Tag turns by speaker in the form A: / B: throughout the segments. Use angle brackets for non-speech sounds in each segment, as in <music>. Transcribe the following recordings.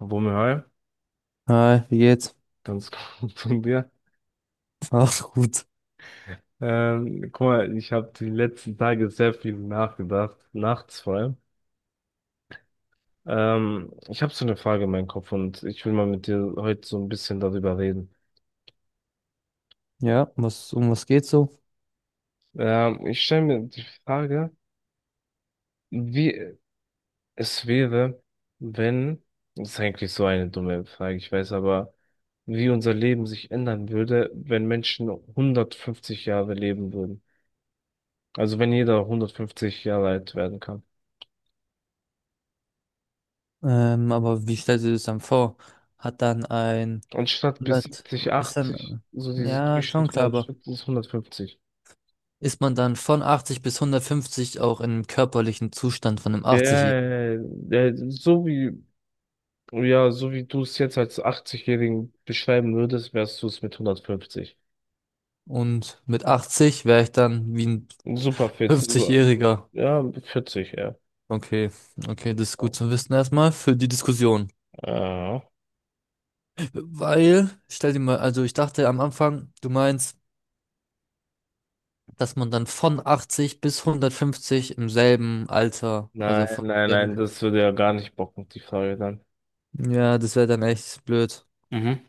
A: Wumme, hi.
B: Hi, wie geht's?
A: Ganz <laughs> gut von dir.
B: Ach gut.
A: Guck mal, ich habe die letzten Tage sehr viel nachgedacht, nachts vor allem. Ich habe so eine Frage in meinem Kopf und ich will mal mit dir heute so ein bisschen darüber reden.
B: Ja, um was geht's so?
A: Ich stelle mir die Frage, wie es wäre, wenn, das ist eigentlich so eine dumme Frage, ich weiß, aber wie unser Leben sich ändern würde, wenn Menschen 150 Jahre leben würden. Also wenn jeder 150 Jahre alt werden kann.
B: Aber wie stellst du dir das dann vor? Hat dann ein
A: Anstatt bis
B: 100,
A: 70,
B: ist
A: 80,
B: dann,
A: so dieses
B: ja, schon
A: Durchschnitt, wo
B: klar,
A: man
B: aber
A: schützt, ist 150.
B: ist man dann von 80 bis 150 auch im körperlichen Zustand von einem
A: Ja,
B: 80-Jährigen?
A: ja, ja, ja, so wie du es jetzt als 80-Jährigen beschreiben würdest, wärst du es mit 150.
B: Und mit 80 wäre ich dann wie ein
A: Super fit.
B: 50-Jähriger.
A: Ja, 40, ja.
B: Okay, okay, das ist gut zu wissen erstmal für die Diskussion.
A: Ja.
B: Weil, stell dir mal, also ich dachte am Anfang, du meinst, dass man dann von 80 bis 150 im selben Alter,
A: Nein,
B: also von
A: nein,
B: dem,
A: nein, das würde ja gar nicht bocken, die Frage dann.
B: ja, das wäre dann echt blöd.
A: Mhm.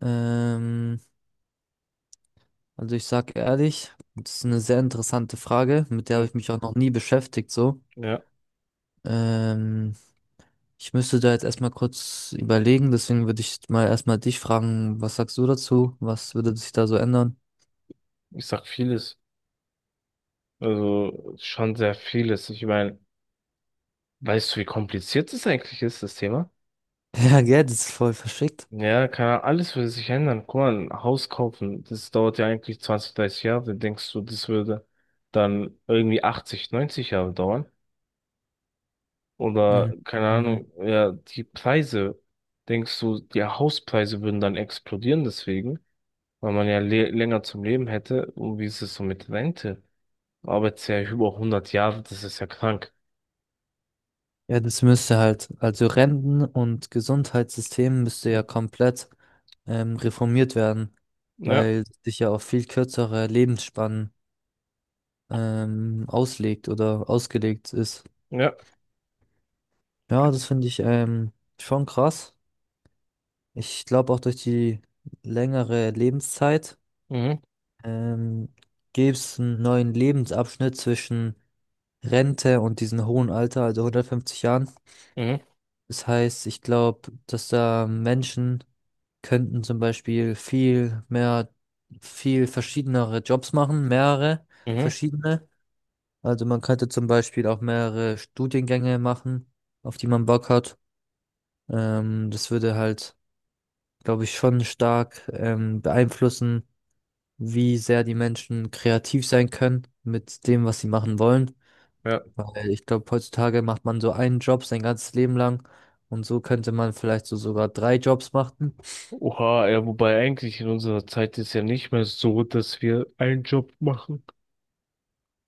B: Ähm, also ich sag ehrlich, das ist eine sehr interessante Frage, mit der
A: Hm.
B: habe ich mich auch noch nie beschäftigt, so.
A: Ja,
B: Ähm, ich müsste da jetzt erstmal kurz überlegen, deswegen würde ich mal erstmal dich fragen, was sagst du dazu? Was würde sich da so ändern? <laughs>
A: ich sag vieles. Also schon sehr vieles. Ich meine, weißt du, wie kompliziert es eigentlich ist, das Thema?
B: Ja, gell, das ist voll verschickt.
A: Ja, alles würde sich ändern. Guck mal, ein Haus kaufen, das dauert ja eigentlich 20, 30 Jahre. Denkst du, das würde dann irgendwie 80, 90 Jahre dauern? Oder, keine
B: Mhm.
A: Ahnung, ja, die Preise, denkst du, die Hauspreise würden dann explodieren deswegen, weil man ja le länger zum Leben hätte? Und wie ist es so mit Rente? Arbeitest ja über 100 Jahre, das ist ja krank.
B: Ja, das müsste halt, also Renten- und Gesundheitssystem müsste ja
A: Mhm.
B: komplett reformiert werden,
A: Ja,
B: weil sich ja auf viel kürzere Lebensspannen auslegt oder ausgelegt ist.
A: ja,
B: Ja, das finde ich schon krass. Ich glaube auch durch die längere Lebenszeit
A: mhm,
B: ähm, gäbe es einen neuen Lebensabschnitt zwischen Rente und diesem hohen Alter, also 150 Jahren.
A: mhm,
B: Das heißt, ich glaube, dass da Menschen könnten zum Beispiel viel mehr, viel verschiedenere Jobs machen, mehrere
A: mhm,
B: verschiedene. Also man könnte zum Beispiel auch mehrere Studiengänge machen, auf die man Bock hat. Das würde halt, glaube ich, schon stark beeinflussen, wie sehr die Menschen kreativ sein können mit dem, was sie machen wollen.
A: ja.
B: Weil ich glaube, heutzutage macht man so einen Job sein ganzes Leben lang und so könnte man vielleicht so sogar 3 Jobs machen.
A: Oha, ja, wobei eigentlich in unserer Zeit ist ja nicht mehr so, dass wir einen Job machen.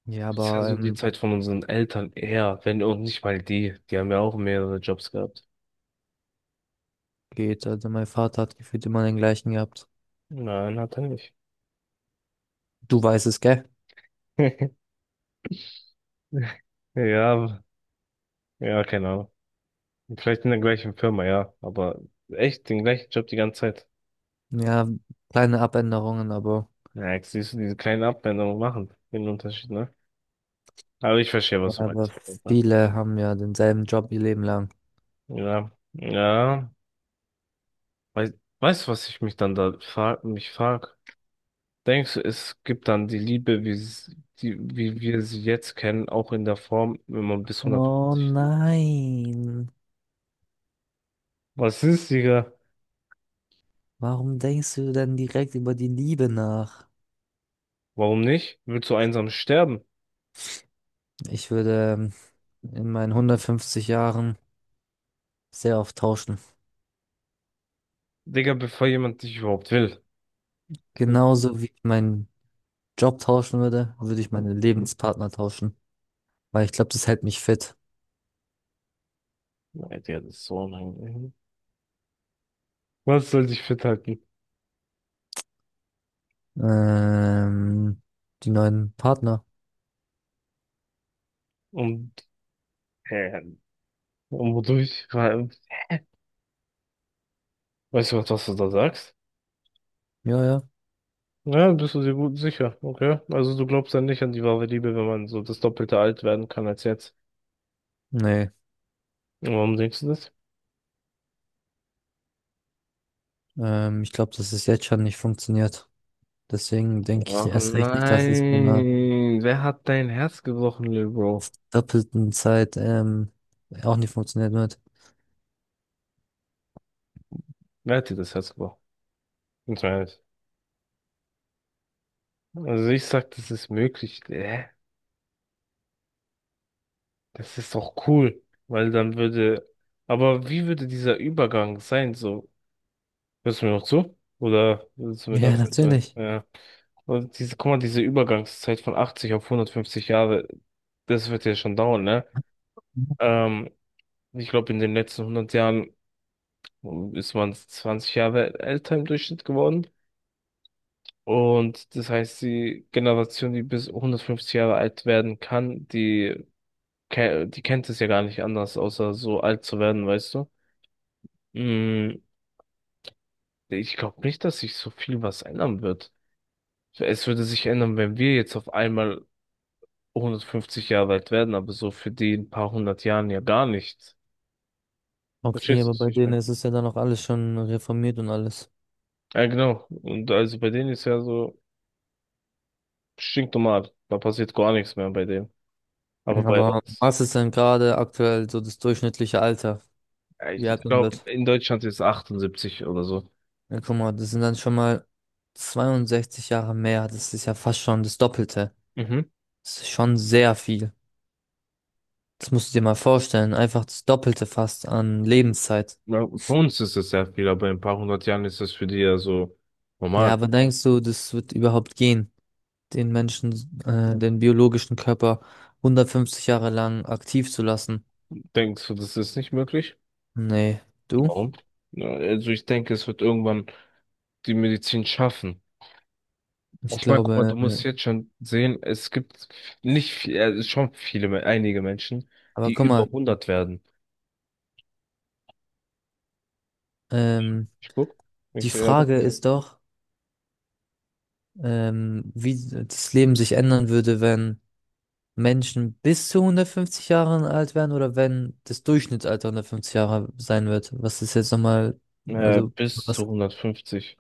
B: Ja,
A: Das ist ja
B: aber
A: so die Zeit von unseren Eltern eher, wenn auch nicht mal die. Die haben ja auch mehrere Jobs gehabt.
B: geht, also mein Vater hat gefühlt immer den gleichen gehabt.
A: Nein, hat er nicht.
B: Du weißt es, gell?
A: <laughs> Ja, ja, keine Ahnung. Vielleicht in der gleichen Firma, ja. Aber echt den gleichen Job die ganze Zeit.
B: Ja, kleine Abänderungen,
A: Ja, jetzt siehst du, diese kleinen Abwendungen machen den Unterschied, ne? Aber ich verstehe, was du
B: aber
A: meinst.
B: viele haben ja denselben Job ihr Leben lang.
A: Ja, ja. Weiß, Weißt du, was ich mich dann da frag? Denkst du, es gibt dann die Liebe, wie wir sie jetzt kennen, auch in der Form, wenn man bis
B: Oh
A: 150 lebt?
B: nein,
A: Was ist, Digga?
B: warum denkst du denn direkt über die Liebe nach?
A: Warum nicht? Willst du einsam sterben?
B: Ich würde in meinen 150 Jahren sehr oft tauschen.
A: Digga, bevor jemand dich überhaupt will.
B: Genauso wie ich meinen Job tauschen würde, würde ich meine Lebenspartner tauschen, weil ich glaube, das hält mich fit.
A: Nein, Digga, das ist so unangenehm. Was soll dich fit halten?
B: Ähm, Die neuen Partner.
A: Und, äh, und wodurch? Weißt du, was du da sagst?
B: Ja, ja.
A: Ja, bist du dir gut sicher, okay? Also du glaubst dann nicht an die wahre Liebe, wenn man so das Doppelte alt werden kann als jetzt.
B: Nee.
A: Und warum denkst du das?
B: Ich glaube, dass es jetzt schon nicht funktioniert. Deswegen denke ich
A: Ach
B: erst recht nicht, dass es bei einer
A: nein, wer hat dein Herz gebrochen, Lil Bro?
B: doppelten Zeit auch nicht funktionieren wird.
A: Wer hat dir das Herz gebrochen? Ganz mal ehrlich. Also ich sag, das ist möglich. Das ist doch cool, weil dann würde. Aber wie würde dieser Übergang sein? So, hörst du mir noch zu? Oder willst du mir
B: Ja,
A: gerade nicht zuhören?
B: natürlich.
A: Ja. Und diese, guck mal, diese Übergangszeit von 80 auf 150 Jahre, das wird ja schon dauern, ne? Ähm, Ich glaube, in den letzten 100 Jahren ist man 20 Jahre älter im Durchschnitt geworden. Und das heißt, die Generation, die bis 150 Jahre alt werden kann, die kennt es ja gar nicht anders, außer so alt zu werden, weißt du? Mm, ich glaube nicht, dass sich so viel was ändern wird. Es würde sich ändern, wenn wir jetzt auf einmal 150 Jahre alt werden, aber so für die in ein paar hundert Jahren ja gar nicht.
B: Okay,
A: Verstehst du,
B: aber
A: was
B: bei
A: ich
B: denen
A: meine?
B: ist es ja dann auch alles schon reformiert und alles.
A: Ja, genau. Und also bei denen ist ja so stinknormal. Da passiert gar nichts mehr bei denen. Aber bei
B: Aber
A: uns,
B: was ist denn gerade aktuell so das durchschnittliche Alter,
A: ja,
B: wie alt
A: ich
B: man
A: glaube,
B: wird?
A: in Deutschland ist 78 oder so.
B: Ja, guck mal, das sind dann schon mal 62 Jahre mehr. Das ist ja fast schon das Doppelte.
A: Mhm.
B: Das ist schon sehr viel. Das musst du dir mal vorstellen. Einfach das Doppelte fast an Lebenszeit.
A: Ja, bei uns ist es sehr viel, aber in ein paar hundert Jahren ist das für die ja so
B: Ja,
A: normal.
B: aber denkst du, das wird überhaupt gehen, den Menschen, den biologischen Körper 150 Jahre lang aktiv zu lassen?
A: Denkst du, das ist nicht möglich?
B: Nee, du?
A: Warum? Ja, also ich denke, es wird irgendwann die Medizin schaffen.
B: Ich
A: Ich meine, guck mal, du
B: glaube, äh,
A: musst jetzt schon sehen, es gibt nicht viel, schon viele, einige Menschen,
B: aber
A: die
B: guck
A: über
B: mal,
A: 100 werden.
B: ähm,
A: Ich guck,
B: die
A: Ich sehe aber,
B: Frage ist doch, wie das Leben sich ändern würde, wenn Menschen bis zu 150 Jahren alt wären oder wenn das Durchschnittsalter 150 Jahre sein wird. Was ist jetzt nochmal, also,
A: bis
B: was,
A: zu 150.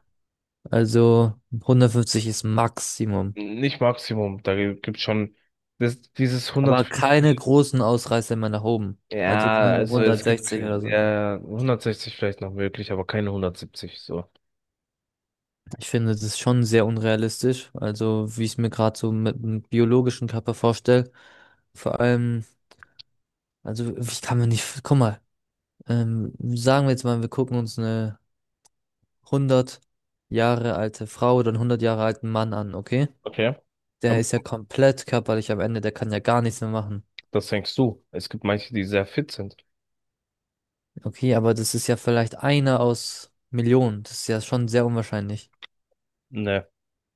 B: also 150 ist Maximum.
A: Nicht Maximum, da gibt schon das, dieses
B: Aber keine
A: 150.
B: großen Ausreißer mehr nach oben. Also
A: Ja,
B: keine, ja,
A: also es gibt
B: 160 oder so.
A: ja 160 vielleicht noch möglich, aber keine 170 so.
B: Ich finde, das ist schon sehr unrealistisch. Also, wie ich es mir gerade so mit dem biologischen Körper vorstelle. Vor allem, also, ich kann mir nicht, guck mal, sagen wir jetzt mal, wir gucken uns eine 100 Jahre alte Frau oder einen 100 Jahre alten Mann an, okay?
A: Okay.
B: Der
A: Aber
B: ist ja komplett körperlich am Ende, der kann ja gar nichts mehr machen.
A: das denkst du. Es gibt manche, die sehr fit sind.
B: Okay, aber das ist ja vielleicht einer aus Millionen. Das ist ja schon sehr unwahrscheinlich.
A: Ne.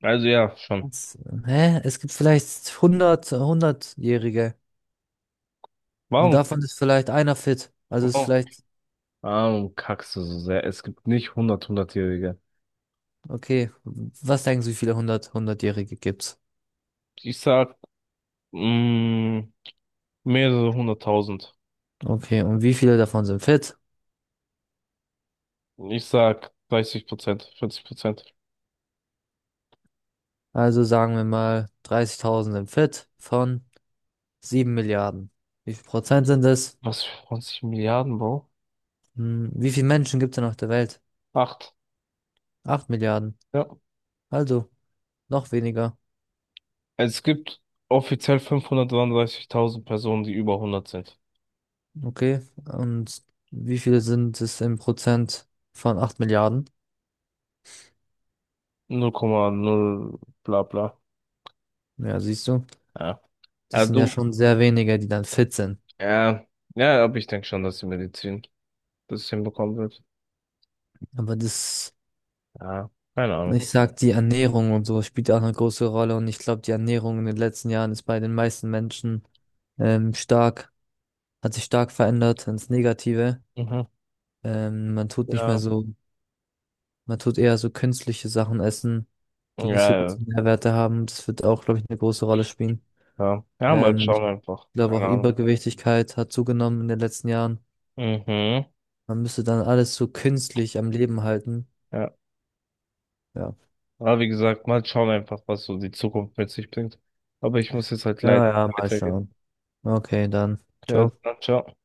A: Also ja, schon.
B: Was? Hä? Es gibt vielleicht 100, 100-Jährige und
A: Warum,
B: davon ist vielleicht einer fit. Also ist
A: warum,
B: vielleicht,
A: warum kackst du so sehr? Es gibt nicht hundert-hundertjährige.
B: okay, was denken Sie, wie viele 100, 100-Jährige gibt's?
A: Ich sag, mh, mehrere hunderttausend.
B: Okay, und wie viele davon sind fit?
A: Ich sag 30%, 40%.
B: Also sagen wir mal, 30.000 sind fit von 7 Milliarden. Wie viel Prozent sind es?
A: Was für 20 Milliarden, Bro?
B: Hm, wie viele Menschen gibt's denn auf der Welt?
A: Acht.
B: 8 Milliarden.
A: Ja.
B: Also noch weniger.
A: Es gibt offiziell 533.000 Personen, die über 100 sind.
B: Okay, und wie viele sind es im Prozent von 8 Milliarden?
A: 0,0 bla bla.
B: Ja, siehst du.
A: Ja. Ja,
B: Das sind ja
A: du,
B: schon sehr wenige, die dann fit sind.
A: ja, ja, aber ich denke schon, dass die Medizin das hinbekommen wird.
B: Aber das,
A: Ja, keine Ahnung.
B: ich sag, die Ernährung und so spielt ja auch eine große Rolle. Und ich glaube, die Ernährung in den letzten Jahren ist bei den meisten Menschen stark, hat sich stark verändert ins Negative.
A: Mhm.
B: Man tut nicht mehr
A: Ja,
B: so, man tut eher so künstliche Sachen essen,
A: ja,
B: die nicht so
A: ja,
B: gute Nährwerte haben. Das wird auch, glaube ich, eine große Rolle spielen.
A: ja. Ja, mal schauen
B: Ich
A: einfach.
B: glaube auch
A: Keine Ahnung.
B: Übergewichtigkeit hat zugenommen in den letzten Jahren.
A: Mhm.
B: Man müsste dann alles so künstlich am Leben halten.
A: Ja.
B: Ja.
A: Aber wie gesagt, mal schauen einfach, was so die Zukunft mit sich bringt. Aber ich muss jetzt halt leider
B: Ja, ja, mal
A: weitergehen.
B: schauen. Okay, dann.
A: Ja,
B: Ciao.
A: dann ciao.